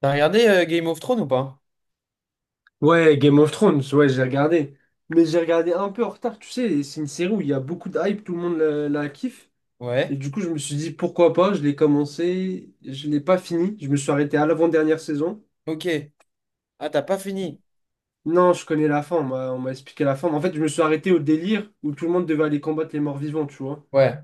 T'as regardé Game of Thrones ou pas? Ouais, Game of Thrones, ouais, j'ai regardé. Mais j'ai regardé un peu en retard, tu sais, c'est une série où il y a beaucoup de hype, tout le monde la kiffe. Et Ouais. du coup, je me suis dit, pourquoi pas, je l'ai commencé, je l'ai pas fini, je me suis arrêté à l'avant-dernière saison. Ok. Ah, t'as pas fini. Non, je connais la fin, on m'a expliqué la fin. Mais en fait, je me suis arrêté au délire où tout le monde devait aller combattre les morts vivants, tu vois. Ouais.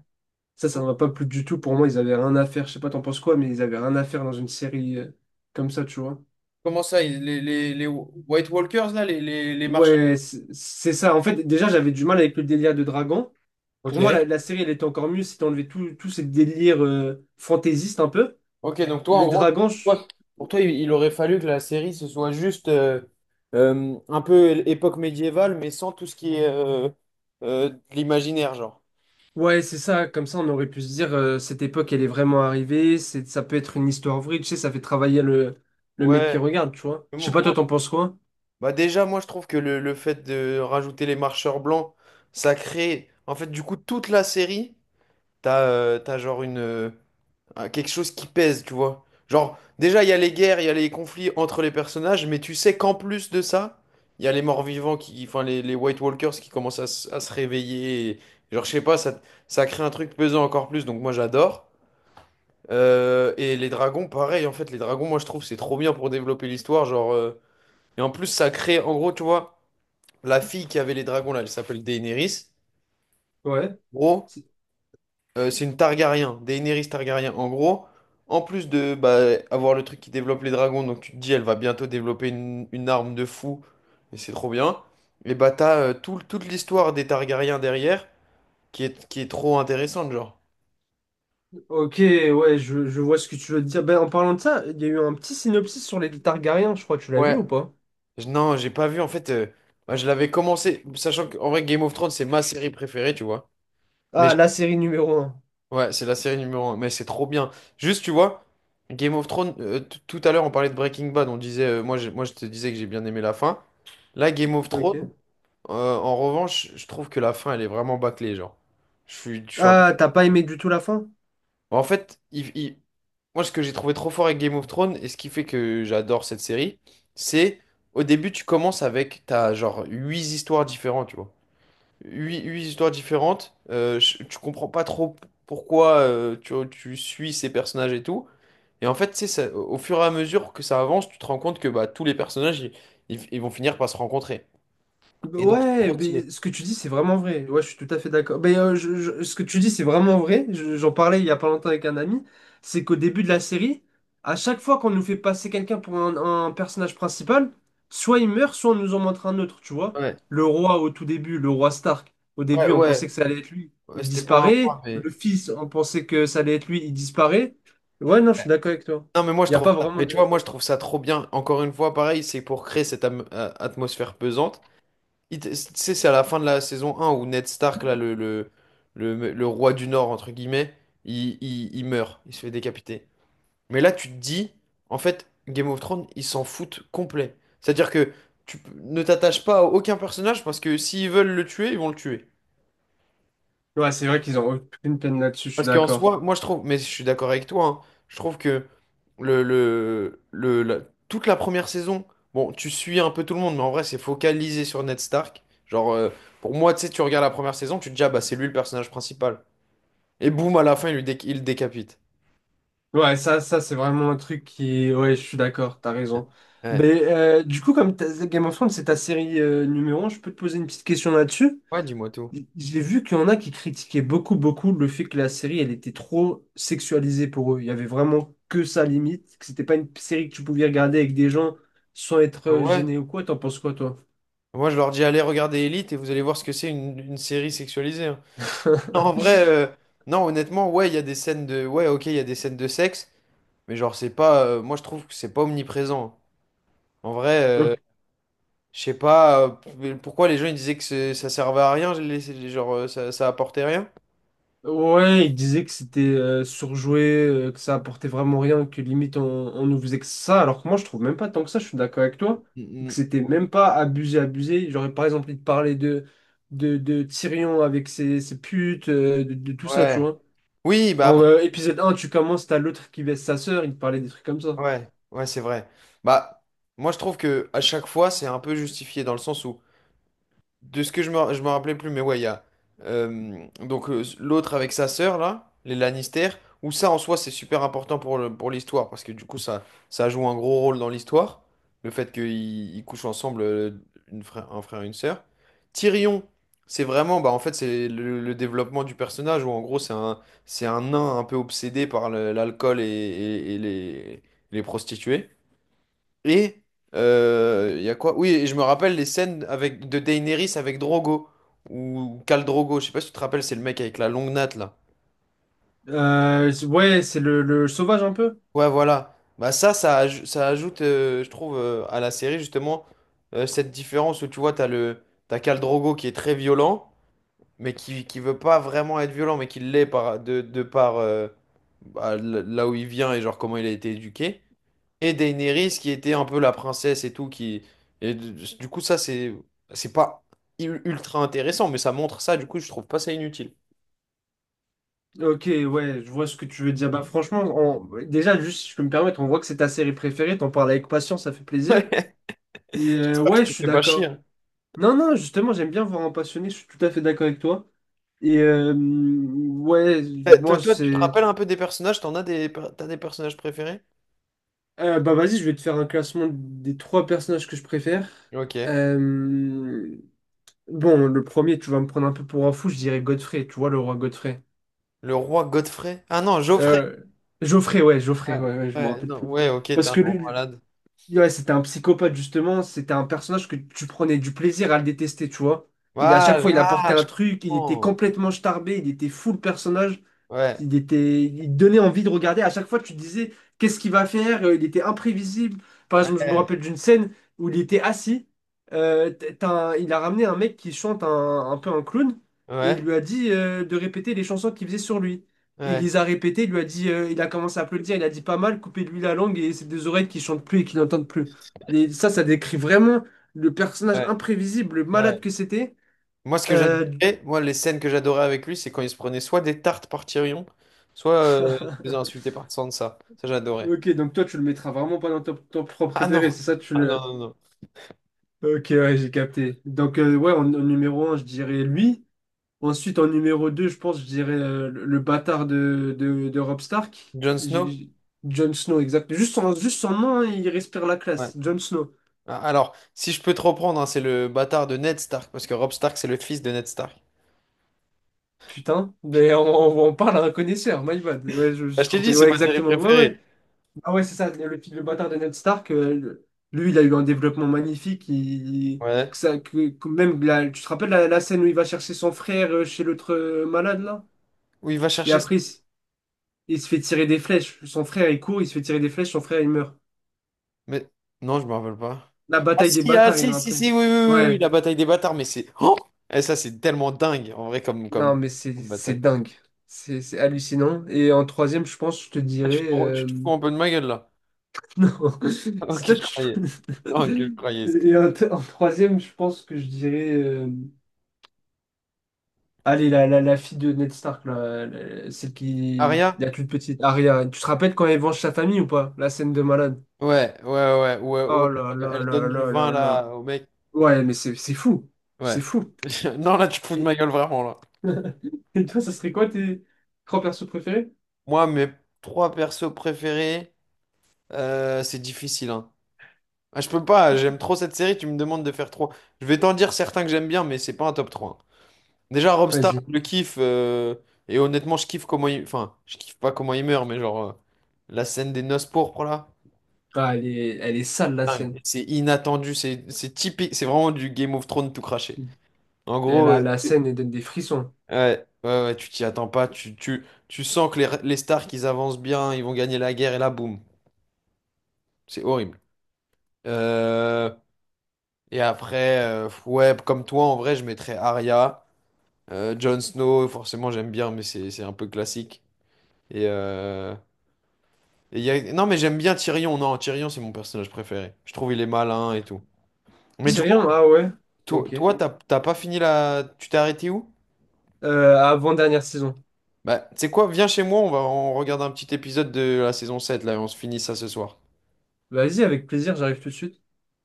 Ça m'a pas plu du tout. Pour moi, ils avaient rien à faire, je sais pas, t'en penses quoi, mais ils avaient rien à faire dans une série comme ça, tu vois. Comment ça, les White Walkers, là, les marchands. Ouais, c'est ça. En fait, déjà, j'avais du mal avec le délire de dragon. Pour moi, la, Ok. la série, elle était encore mieux si t'enlevais tout, tout ce délire fantaisiste un peu. Ok, donc toi, en Les gros, dragons, toi, pour toi, il aurait fallu que la série, ce soit juste un peu époque médiévale, mais sans tout ce qui est de l'imaginaire, genre. ouais, c'est ça. Comme ça, on aurait pu se dire, cette époque, elle est vraiment arrivée. Ça peut être une histoire vraie. Tu sais, ça fait travailler le mec qui Ouais. regarde, tu vois. Mais Je sais moi- pas, toi, moi- t'en penses quoi? bah déjà, moi, je trouve que le fait de rajouter les marcheurs blancs, ça crée. En fait, du coup, toute la série, t'as genre à quelque chose qui pèse, tu vois. Genre, déjà, il y a les guerres, il y a les conflits entre les personnages, mais tu sais qu'en plus de ça, il y a les morts-vivants qui, enfin, les White Walkers qui commencent à se réveiller. Genre, je sais pas, ça crée un truc pesant encore plus, donc moi j'adore. Et les dragons, pareil, en fait, les dragons, moi je trouve c'est trop bien pour développer l'histoire. Genre, et en plus, ça crée, en gros, tu vois, la fille qui avait les dragons là, elle s'appelle Daenerys. Ouais. Gros. C'est une Targaryen, Daenerys Targaryen. En gros, en plus de bah, avoir le truc qui développe les dragons, donc tu te dis elle va bientôt développer une arme de fou, et c'est trop bien. Et bah t'as toute l'histoire des Targaryens derrière, qui est trop intéressante, genre. Ok, ouais, je vois ce que tu veux dire. Ben, en parlant de ça, il y a eu un petit synopsis sur les Targaryens, je crois, tu l'as vu Ouais. ou pas? Non, j'ai pas vu, en fait, bah, je l'avais commencé, sachant qu'en vrai Game of Thrones, c'est ma série préférée, tu vois. Mais Ah, je- la série numéro un. ouais, c'est la série numéro 1, mais c'est trop bien. Juste, tu vois, Game of Thrones, tout à l'heure on parlait de Breaking Bad, on disait, moi je te disais que j'ai bien aimé la fin. Là, Game of Thrones, Ok. En revanche, je trouve que la fin, elle est vraiment bâclée, genre. Je suis un peu. Ah, t'as pas aimé du tout la fin? Bon, en fait, moi, ce que j'ai trouvé trop fort avec Game of Thrones, et ce qui fait que j'adore cette série, c'est au début, tu commences avec, t'as genre huit histoires différentes, tu vois. Huit histoires différentes, tu comprends pas trop pourquoi tu suis ces personnages et tout. Et en fait, tu sais, au fur et à mesure que ça avance, tu te rends compte que bah, tous les personnages, ils vont finir par se rencontrer. Et donc, c'est Ouais, trop stylé. mais ce que tu dis, c'est vraiment vrai. Ouais, je suis tout à fait d'accord. Mais ce que tu dis, c'est vraiment vrai. J'en parlais il y a pas longtemps avec un ami. C'est qu'au début de la série, à chaque fois qu'on nous fait passer quelqu'un pour un personnage principal, soit il meurt, soit on nous en montre un autre, tu vois. Ouais. Le roi au tout début, le roi Stark. Au Ouais, début, on ouais, pensait que ça allait être lui. ouais, Il c'était pas un point, disparaît. mais. Le fils, on pensait que ça allait être lui. Il disparaît. Ouais, non, je suis d'accord avec toi. Non, mais moi Il je n'y a trouve pas ça. vraiment Mais tu vois, de... moi je trouve ça trop bien. Encore une fois, pareil, c'est pour créer cette atmosphère pesante. Tu sais, c'est à la fin de la saison 1 où Ned Stark, là, le roi du Nord, entre guillemets, il meurt, il se fait décapiter. Mais là, tu te dis, en fait, Game of Thrones, ils s'en foutent complet. C'est-à-dire que tu ne t'attaches pas à aucun personnage parce que s'ils veulent le tuer, ils vont le tuer. Ouais, c'est vrai qu'ils ont aucune peine là-dessus, je suis Parce qu'en d'accord. soi, moi je trouve, mais je suis d'accord avec toi, hein, je trouve que le, le, le, la- toute la première saison, bon, tu suis un peu tout le monde, mais en vrai, c'est focalisé sur Ned Stark. Genre, pour moi, tu sais, tu regardes la première saison, tu te dis, ah bah c'est lui le personnage principal. Et boum, à la fin, il le décapite. Ouais, ça c'est vraiment un truc qui... Ouais, je suis d'accord, t'as raison. Ouais, Mais du coup, comme Game of Thrones, c'est ta série numéro un, je peux te poser une petite question là-dessus. ouais, dis-moi tout. J'ai vu qu'il y en a qui critiquaient beaucoup, beaucoup le fait que la série, elle était trop sexualisée pour eux. Il y avait vraiment que ça limite, que c'était pas une série que tu pouvais regarder avec des gens sans être Ah ouais? gêné ou quoi. T'en penses quoi, toi? Moi, je leur dis, allez regarder Elite et vous allez voir ce que c'est une série sexualisée, hein. Non, en vrai, non, honnêtement, ouais, il y a des scènes de, ouais, ok, il y a des scènes de sexe, mais genre, c'est pas, moi je trouve que c'est pas omniprésent, hein. En vrai, je sais pas pourquoi les gens ils disaient que ça servait à rien, genre ça apportait rien. Ouais, il disait que c'était surjoué, que ça apportait vraiment rien, que limite on nous faisait que ça, alors que moi je trouve même pas tant que ça, je suis d'accord avec toi, Mm, que mm. c'était même pas abusé, abusé. J'aurais par exemple envie de parler de Tyrion avec ses putes, de tout ça, tu Ouais. vois. Oui, bah En après, épisode un, tu commences, t'as l'autre qui baisse sa sœur, il te parlait des trucs comme ça. ouais, ouais, c'est vrai. Bah, moi je trouve que à chaque fois c'est un peu justifié dans le sens où. De ce que je me rappelais plus, mais ouais, il y a donc l'autre avec sa sœur là, les Lannister, où ça en soi c'est super important pour pour l'histoire parce que du coup ça joue un gros rôle dans l'histoire, le fait qu'ils couchent ensemble un frère et une sœur. Tyrion, c'est vraiment bah en fait c'est le développement du personnage où en gros c'est un nain un peu obsédé par l'alcool et les prostituées. Et il y a quoi? Oui, et je me rappelle les scènes avec de Daenerys avec Drogo ou Khal Drogo, je sais pas si tu te rappelles, c'est le mec avec la longue natte là. Ouais, c'est le sauvage un peu. Ouais, voilà. Bah ça ajoute, je trouve, à la série justement cette différence où tu vois t'as Khal Drogo qui est très violent mais qui veut pas vraiment être violent, mais qui l'est de par bah, là où il vient et genre comment il a été éduqué. Et Daenerys qui était un peu la princesse et tout. Et du coup, ça, c'est pas ultra intéressant, mais ça montre ça, du coup, je trouve pas ça inutile. Ok, ouais, je vois ce que tu veux dire. Bah franchement, déjà, juste si je peux me permettre, on voit que c'est ta série préférée, t'en parles avec patience, ça fait plaisir. Et J'espère que je ouais, je te suis fais pas chier. d'accord. hein. Non, non, justement, j'aime bien voir un passionné, je suis tout à fait d'accord avec toi. Et ouais, Euh, Toi, moi, toi, tu te c'est... rappelles un peu des personnages? T'as des personnages préférés? Bah vas-y, je vais te faire un classement des trois personnages que je préfère. Ok. Euh, Bon, le premier, tu vas me prendre un peu pour un fou, je dirais Godfrey, tu vois, le roi Godfrey. Le roi Godfrey? Ah non, Geoffrey. Euh, Geoffrey, Ouais, ouais, ouais, je m'en ouais, rappelle non, plus. ouais, ok, t'es Parce un que grand lui, malade. ouais, c'était un psychopathe, justement. C'était un personnage que tu prenais du plaisir à le détester, tu vois. Il, à chaque Ah, je fois, il apportait ah, un je truc, il était comprends. complètement starbé, il était fou le personnage. Ouais. Il donnait envie de regarder. À chaque fois, tu te disais, qu'est-ce qu'il va faire? Il était imprévisible. Par exemple, je me Ouais, rappelle d'une scène où il était assis. Il a ramené un mec qui chante un peu un clown et il ouais, lui a dit de répéter les chansons qu'il faisait sur lui. Il ouais, les a répétées, il lui a dit, il a commencé à applaudir, il a dit pas mal, coupez-lui la langue et ses deux oreilles qui chantent plus et qui n'entendent plus. Et ça décrit vraiment le personnage ouais, imprévisible, le ouais. malade que c'était. Moi, ce que Euh, j'adorais, moi, les scènes que j'adorais avec lui, c'est quand il se prenait soit des tartes par Tyrion, soit il se faisait insulter par Sansa. Ça, j'adorais. Ok, donc toi, tu le mettras vraiment pas dans ton propre Ah préféré, non! c'est ça, tu Ah non, le... non, non. Ok, ouais, j'ai capté. Donc, ouais, en numéro un je dirais lui. Ensuite, en numéro 2 je pense, je dirais le bâtard de Robb Stark. Jon Snow? Jon Snow, exact. Juste son nom, hein, il respire la Ouais. classe. Jon Snow. Ah, alors, si je peux te reprendre, hein, c'est le bâtard de Ned Stark, parce que Robb Stark, c'est le fils de Ned Stark. Putain, mais on parle à un connaisseur, my bad. Ouais, je me Ah, suis je t'ai dit, trompé. c'est Ouais, ma série exactement. Ouais, ouais. préférée. Ah ouais, c'est ça, le bâtard de Ned Stark, lui, il a eu un développement magnifique. Il, Ouais. que ça, que même tu te rappelles la scène où il va chercher son frère chez l'autre malade, là? Où il va Et chercher après, il se fait tirer des flèches. Son frère, il court, il se fait tirer des flèches, son frère, il meurt. Mais non, je me rappelle pas. La Ah bataille des si, ah bâtards, ils si, l'ont si, appelé. si, oui, oui, oui, oui, Ouais, la bataille des bâtards, mais c'est. Oh! Et ça, c'est tellement dingue, en vrai, comme, comme, non, mais c'est comme c'est bataille. dingue. C'est hallucinant. Et en troisième, je pense, je te Ah, tu dirais... te, tu te fous un peu de ma gueule, là. Non, c'est Ok, toi, je tu... croyais. Non, que je croyais. Et en troisième, je pense que je dirais... Allez, la fille de Ned Stark, là, celle qui... Aria? La toute petite, Arya. Tu te rappelles quand elle venge sa famille ou pas? La scène de malade. Ouais, ouais, ouais, ouais, ouais, Oh là elle, là elle donne là du là vin, là là. là, au mec. Ouais, mais c'est fou. Ouais. C'est fou. Non, là, tu te fous de ma Et... gueule, vraiment, là. Et toi, ça serait quoi tes trois persos préférés? Moi, mes trois persos préférés, c'est difficile, hein. Ah, je peux pas, j'aime trop cette série, tu me demandes de faire trop. Je vais t'en dire certains que j'aime bien, mais c'est pas un top trois. Déjà, Robstar, Vas-y. je le kiffe. Et honnêtement, je kiffe comment il. Enfin, je kiffe pas comment il meurt, mais genre, la scène des noces pourpres, là. Ah, elle est sale, la scène. Dingue. C'est inattendu, c'est typique. C'est vraiment du Game of Thrones tout craché. En Et gros, La, ouais, la scène, elle donne des frissons. ouais, ouais, ouais, tu t'y attends pas. Tu sens que les Stark, ils avancent bien, ils vont gagner la guerre, et là, boum. C'est horrible. Euh, et après, ouais, comme toi, en vrai, je mettrais Arya. Jon Snow, forcément, j'aime bien, mais c'est un peu classique. Et. euh, Non, mais j'aime bien Tyrion. Non, Tyrion, c'est mon personnage préféré. Je trouve il est malin et tout. Mais du coup, Tyrion, ah ouais. toi, Ok. toi, t'as pas fini la. Tu t'es arrêté où? Avant-dernière saison. Bah, tu sais quoi? Viens chez moi, on regarde un petit épisode de la saison 7 là, et on se finit ça ce soir. Vas-y, avec plaisir, j'arrive tout de suite.